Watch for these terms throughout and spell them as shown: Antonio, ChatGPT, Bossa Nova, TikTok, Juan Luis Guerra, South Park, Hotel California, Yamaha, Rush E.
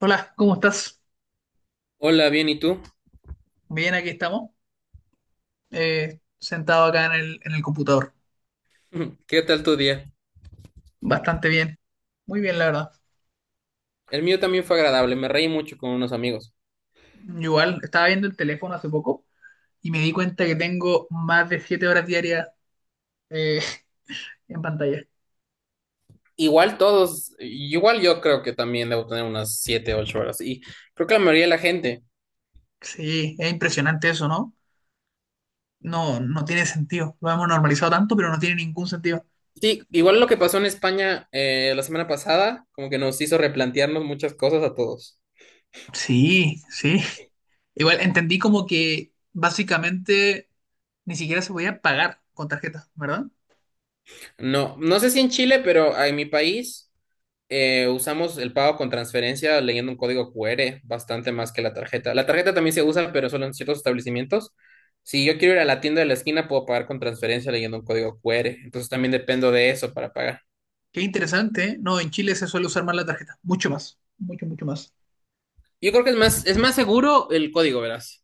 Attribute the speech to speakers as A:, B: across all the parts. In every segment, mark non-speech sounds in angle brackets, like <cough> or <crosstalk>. A: Hola, ¿cómo estás?
B: Hola, bien, ¿y tú?
A: Bien, aquí estamos. Sentado acá en en el computador.
B: <clears throat> <laughs> ¿Qué tal tu día?
A: Bastante bien. Muy bien, la verdad.
B: El mío también fue agradable, me reí mucho con unos amigos.
A: Igual, estaba viendo el teléfono hace poco y me di cuenta que tengo más de siete horas diarias eh, <laughs> en pantalla.
B: Igual todos, igual yo creo que también debo tener unas 7 8 horas y creo que la mayoría de la gente.
A: Sí, es impresionante eso, ¿no? No tiene sentido. Lo hemos normalizado tanto, pero no tiene ningún sentido.
B: Sí, igual lo que pasó en España la semana pasada, como que nos hizo replantearnos muchas cosas a todos.
A: Sí, sí. <laughs> Igual entendí como que básicamente ni siquiera se podía pagar con tarjeta, ¿verdad?
B: No, no sé si en Chile, pero en mi país usamos el pago con transferencia leyendo un código QR bastante más que la tarjeta. La tarjeta también se usa, pero solo en ciertos establecimientos. Si yo quiero ir a la tienda de la esquina, puedo pagar con transferencia leyendo un código QR. Entonces también dependo de eso para pagar.
A: Qué interesante, ¿eh? No, en Chile se suele usar más la tarjeta, mucho más, mucho, mucho más.
B: Yo creo que es más seguro el código, verás.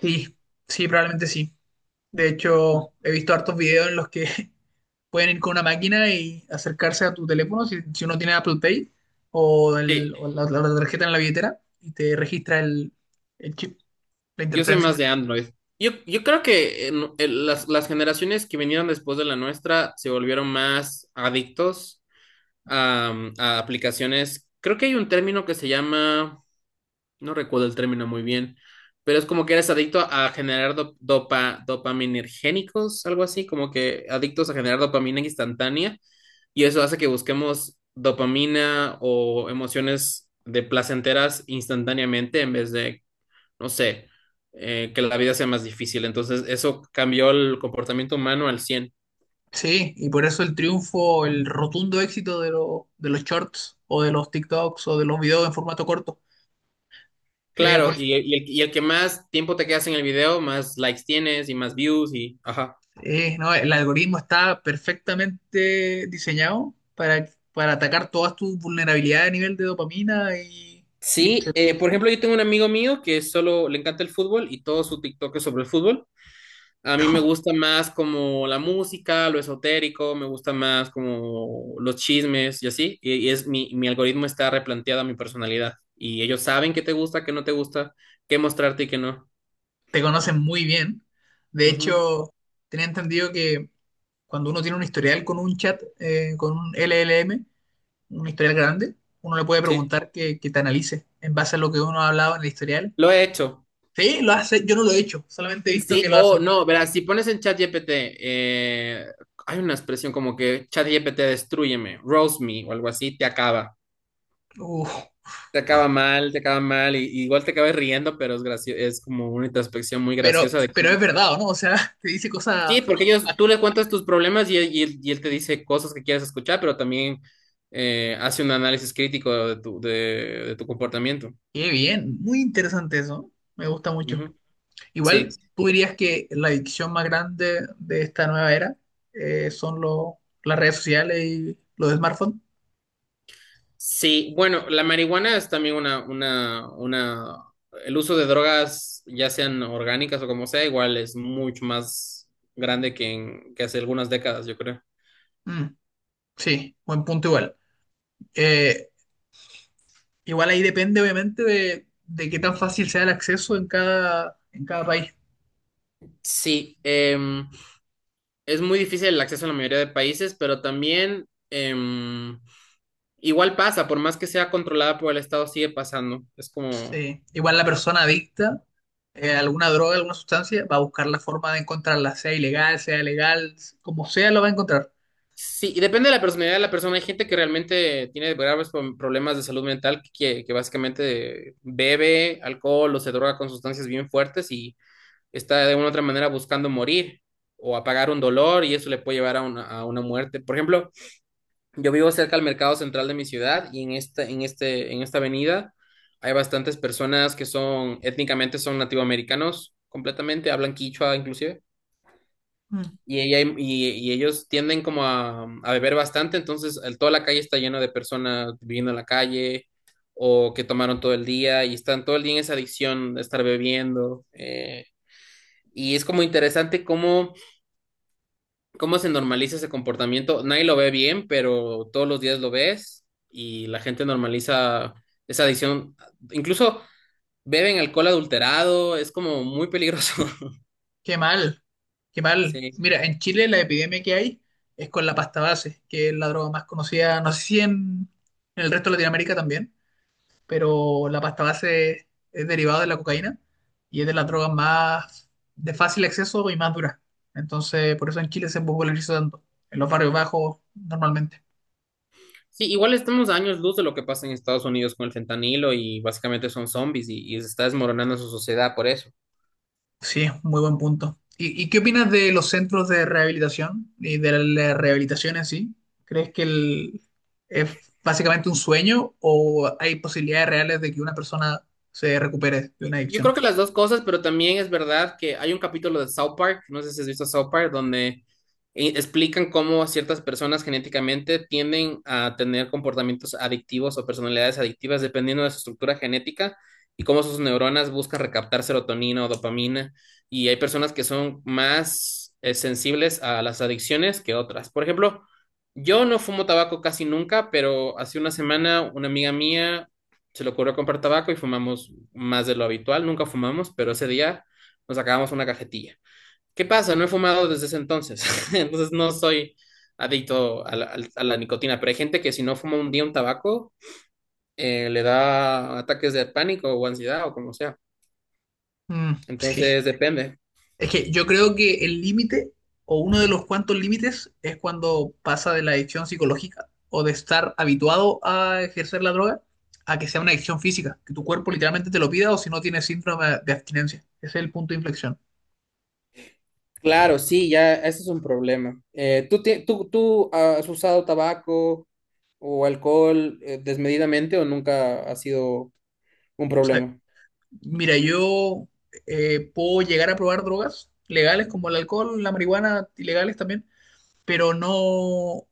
A: Sí, sí, probablemente sí. De
B: Ujú.
A: hecho, he visto hartos videos en los que <laughs> pueden ir con una máquina y acercarse a tu teléfono, si uno tiene Apple Pay o,
B: Sí,
A: la tarjeta en la billetera, y te registra el chip, la
B: yo soy
A: interferencia.
B: más de Android. Yo creo que las generaciones que vinieron después de la nuestra se volvieron más adictos a, a aplicaciones. Creo que hay un término que se llama, no recuerdo el término muy bien, pero es como que eres adicto a generar dopaminergénicos, algo así, como que adictos a generar dopamina instantánea, y eso hace que busquemos dopamina o emociones de placenteras instantáneamente en vez de, no sé, que la vida sea más difícil. Entonces, eso cambió el comportamiento humano al 100.
A: Sí, y por eso el triunfo, el rotundo éxito de los shorts o de los TikToks o de los videos en formato corto. Eh,
B: Claro,
A: por-
B: y el que más tiempo te quedas en el video, más likes tienes y más views y, ajá.
A: No, el algoritmo está perfectamente diseñado para atacar todas tus vulnerabilidades a nivel de dopamina y
B: Sí,
A: etcétera.
B: por
A: ¿Sí?
B: ejemplo, yo tengo un amigo mío que solo le encanta el fútbol y todo su TikTok es sobre el fútbol. A mí me gusta más como la música, lo esotérico, me gusta más como los chismes y así. Y es mi algoritmo está replanteado a mi personalidad. Y ellos saben qué te gusta, qué no te gusta, qué mostrarte y qué no.
A: Te conocen muy bien. De
B: Ujú.
A: hecho, tenía entendido que cuando uno tiene un historial con un chat, con un LLM, un historial grande, uno le puede
B: Sí,
A: preguntar que te analice en base a lo que uno ha hablado en el historial.
B: lo he hecho.
A: Sí, lo hace, yo no lo he hecho, solamente he visto que
B: Sí,
A: lo
B: o
A: hacen.
B: no, verás, si pones en ChatGPT, hay una expresión como que ChatGPT destrúyeme, roast me o algo así, te acaba.
A: Uf,
B: Te acaba mal, te acaba mal, y igual te acabas riendo, pero es es como una introspección muy
A: pero,
B: graciosa de
A: pero
B: cómo...
A: es verdad, ¿o no? O sea, <laughs> te dice
B: Sí,
A: cosas.
B: porque ellos, tú le cuentas tus problemas y él te dice cosas que quieres escuchar, pero también hace un análisis crítico de de tu comportamiento.
A: Qué bien, muy interesante eso. Me gusta mucho.
B: Ujú.
A: Igual,
B: Sí,
A: ¿tú dirías que la adicción más grande de esta nueva era son las redes sociales y los smartphones?
B: sí, bueno, la marihuana es también una, el uso de drogas, ya sean orgánicas o como sea, igual es mucho más grande que, que hace algunas décadas, yo creo.
A: Mm, sí, buen punto igual. Eh, Igual ahí depende obviamente de qué tan fácil sea el acceso en en cada país.
B: Sí, es muy difícil el acceso en la mayoría de países, pero también igual pasa, por más que sea controlada por el Estado, sigue pasando. Es como,
A: Sí. Igual la persona adicta a alguna droga, alguna sustancia, va a buscar la forma de encontrarla, sea ilegal, sea legal, como sea, lo va a encontrar.
B: sí, y depende de la personalidad de la persona. Hay gente que realmente tiene graves problemas de salud mental, que básicamente bebe alcohol o se droga con sustancias bien fuertes y está de una u otra manera buscando morir o apagar un dolor y eso le puede llevar a una muerte. Por ejemplo, yo vivo cerca al mercado central de mi ciudad y en esta avenida hay bastantes personas que son étnicamente son nativoamericanos completamente, hablan quichua inclusive, y ellos tienden como a beber bastante, entonces toda la calle está llena de personas viviendo en la calle o que tomaron todo el día y están todo el día en esa adicción de estar bebiendo. Y es como interesante cómo se normaliza ese comportamiento. Nadie lo ve bien, pero todos los días lo ves y la gente normaliza esa adicción. Incluso beben alcohol adulterado, es como muy peligroso. <laughs>
A: Qué mal, qué mal.
B: Sí.
A: Mira, en Chile la epidemia que hay es con la pasta base, que es la droga más conocida, no sé si en el resto de Latinoamérica también, pero la pasta base es derivada de la cocaína y es de las drogas más de fácil acceso y más duras. Entonces, por eso en Chile se populariza tanto, en los barrios bajos normalmente.
B: Sí, igual estamos a años luz de lo que pasa en Estados Unidos con el fentanilo y básicamente son zombies y se está desmoronando su sociedad por eso.
A: Sí, muy buen punto. ¿Y qué opinas de los centros de rehabilitación y de la rehabilitación en sí? ¿Crees que es básicamente un sueño o hay posibilidades reales de que una persona se recupere de una
B: Yo creo
A: adicción?
B: que las dos cosas, pero también es verdad que hay un capítulo de South Park, no sé si has visto South Park, donde explican cómo ciertas personas genéticamente tienden a tener comportamientos adictivos o personalidades adictivas dependiendo de su estructura genética y cómo sus neuronas buscan recaptar serotonina o dopamina. Y hay personas que son más sensibles a las adicciones que otras. Por ejemplo, yo no fumo tabaco casi nunca, pero hace una semana una amiga mía se le ocurrió comprar tabaco y fumamos más de lo habitual. Nunca fumamos, pero ese día nos acabamos una cajetilla. ¿Qué pasa? No he fumado desde ese entonces. <laughs> Entonces no soy adicto a nicotina, pero hay gente que si no fuma un día un tabaco, le da ataques de pánico o ansiedad o como sea.
A: Mm, sí.
B: Entonces depende.
A: Es que yo creo que el límite o uno de los cuantos límites es cuando pasa de la adicción psicológica o de estar habituado a ejercer la droga a que sea una adicción física, que tu cuerpo literalmente te lo pida o si no tienes síndrome de abstinencia. Ese es el punto de inflexión.
B: Claro, sí, ya, ese es un problema. ¿Tú has usado tabaco o alcohol desmedidamente o nunca ha sido un problema?
A: Mira, yo puedo llegar a probar drogas legales como el alcohol, la marihuana, ilegales también, pero no,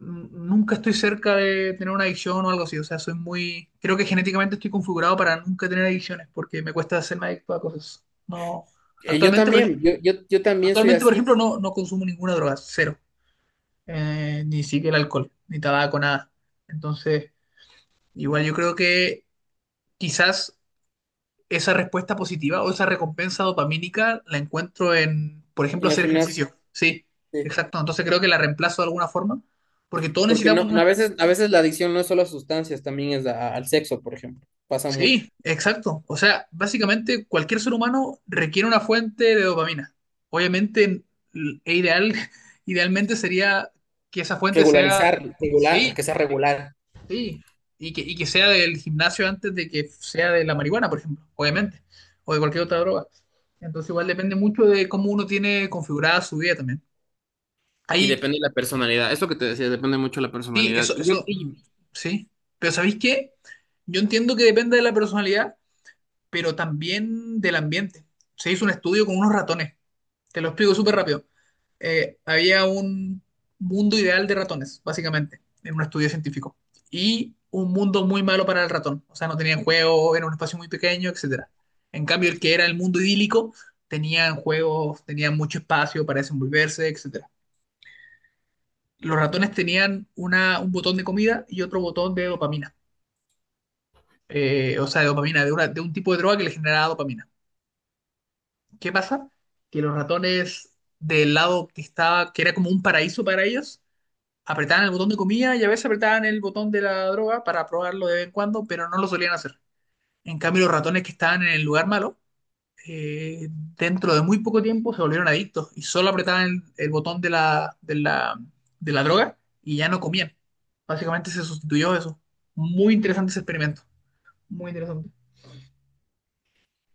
A: nunca estoy cerca de tener una adicción o algo así. O sea, soy muy, creo que genéticamente estoy configurado para nunca tener adicciones porque me cuesta hacerme adicto a cosas. No,
B: Yo
A: actualmente, por, ej-
B: también, yo también soy
A: Actualmente, por
B: así
A: ejemplo, no consumo ninguna droga, cero. Ni siquiera el alcohol, ni tabaco, nada. Entonces, igual yo creo que quizás esa respuesta positiva o esa recompensa dopamínica la encuentro en, por ejemplo,
B: en el
A: hacer
B: gimnasio,
A: ejercicio. Sí,
B: sí.
A: exacto. Entonces creo que la reemplazo de alguna forma, porque todos
B: Porque
A: necesitamos
B: no,
A: nuestra...
B: a veces la adicción no es solo a sustancias, también es al sexo, por ejemplo. Pasa mucho.
A: Sí, exacto. O sea, básicamente cualquier ser humano requiere una fuente de dopamina. Obviamente, ideal, <laughs> idealmente sería que esa fuente sea...
B: Regularizar, regular,
A: Sí,
B: que sea regular.
A: sí, y que sea del gimnasio antes de que sea de la marihuana, por ejemplo, obviamente, o de cualquier otra droga. Entonces igual depende mucho de cómo uno tiene configurada su vida también.
B: Y
A: Ahí,
B: depende de la personalidad. Esto que te decía, depende mucho de la
A: sí,
B: personalidad.
A: eso,
B: Y yo,
A: eso, mm,
B: y-
A: sí. Pero ¿sabéis qué? Yo entiendo que depende de la personalidad, pero también del ambiente. Se hizo un estudio con unos ratones. Te lo explico súper rápido. Había un mundo ideal de ratones, básicamente, en un estudio científico. Y un mundo muy malo para el ratón. O sea, no tenían juego, era un espacio muy pequeño, etcétera. En cambio, el que era el mundo idílico, tenían juegos, tenían mucho espacio para desenvolverse, etcétera. Los ratones tenían un botón de comida y otro botón de dopamina. O sea, de dopamina, de un tipo de droga que le generaba dopamina. ¿Qué pasa? Que los ratones del lado que era como un paraíso para ellos, apretaban el botón de comida y a veces apretaban el botón de la droga para probarlo de vez en cuando, pero no lo solían hacer. En cambio, los ratones que estaban en el lugar malo, eh, dentro de muy poco tiempo se volvieron adictos y solo apretaban el botón de de la droga y ya no comían. Básicamente se sustituyó eso. Muy interesante ese experimento. Muy interesante.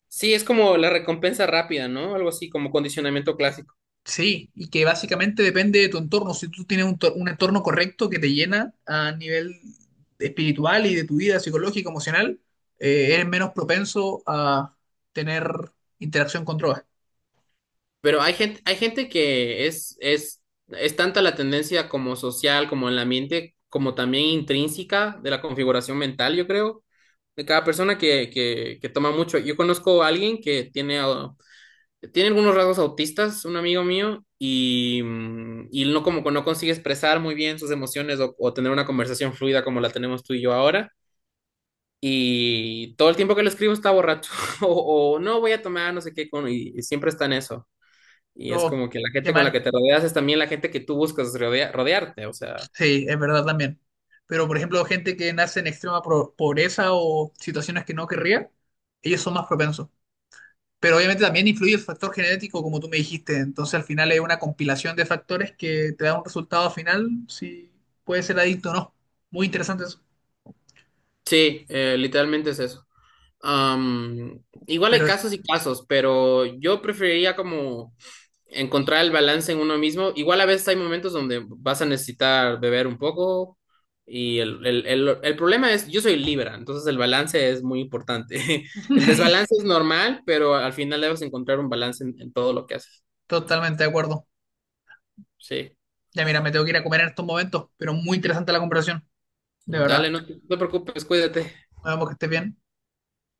B: Sí, es como la recompensa rápida, ¿no? Algo así, como condicionamiento clásico.
A: Sí, y que básicamente depende de tu entorno. Si tú tienes un entorno correcto que te llena a nivel espiritual y de tu vida psicológica, emocional, eres menos propenso a tener interacción con drogas.
B: Pero hay gente que es tanta la tendencia como social, como en la mente, como también intrínseca de la configuración mental, yo creo, de cada persona que toma mucho. Yo conozco a alguien que tiene, ah, tiene algunos rasgos autistas, un amigo mío, y no como no consigue expresar muy bien sus emociones o tener una conversación fluida como la tenemos tú y yo ahora. Y todo el tiempo que le escribo está borracho <laughs> o no voy a tomar, no sé qué, con, y siempre está en eso. Y es
A: No,
B: como que la
A: qué
B: gente con la
A: mal.
B: que te rodeas es también la gente que tú buscas rodearte, o sea,
A: Sí, es verdad también. Pero, por ejemplo, gente que nace en extrema pobreza o situaciones que no querría, ellos son más propensos. Pero obviamente también influye el factor genético, como tú me dijiste. Entonces, al final es una compilación de factores que te da un resultado final, si puede ser adicto o no. Muy interesante eso.
B: sí, literalmente es eso. Am, igual hay
A: Pero eso.
B: casos y casos, pero yo preferiría como encontrar el balance en uno mismo. Igual a veces hay momentos donde vas a necesitar beber un poco y el problema es, yo soy Libra, entonces el balance es muy importante. <laughs> El desbalance
A: <laughs>
B: es normal, pero al final debes encontrar un balance en todo lo que haces.
A: Totalmente de acuerdo.
B: Sí,
A: Ya mira, me tengo que ir a comer en estos momentos, pero muy interesante la conversación. De verdad.
B: dale, no te preocupes, cuídate.
A: Nos vemos, que estés bien.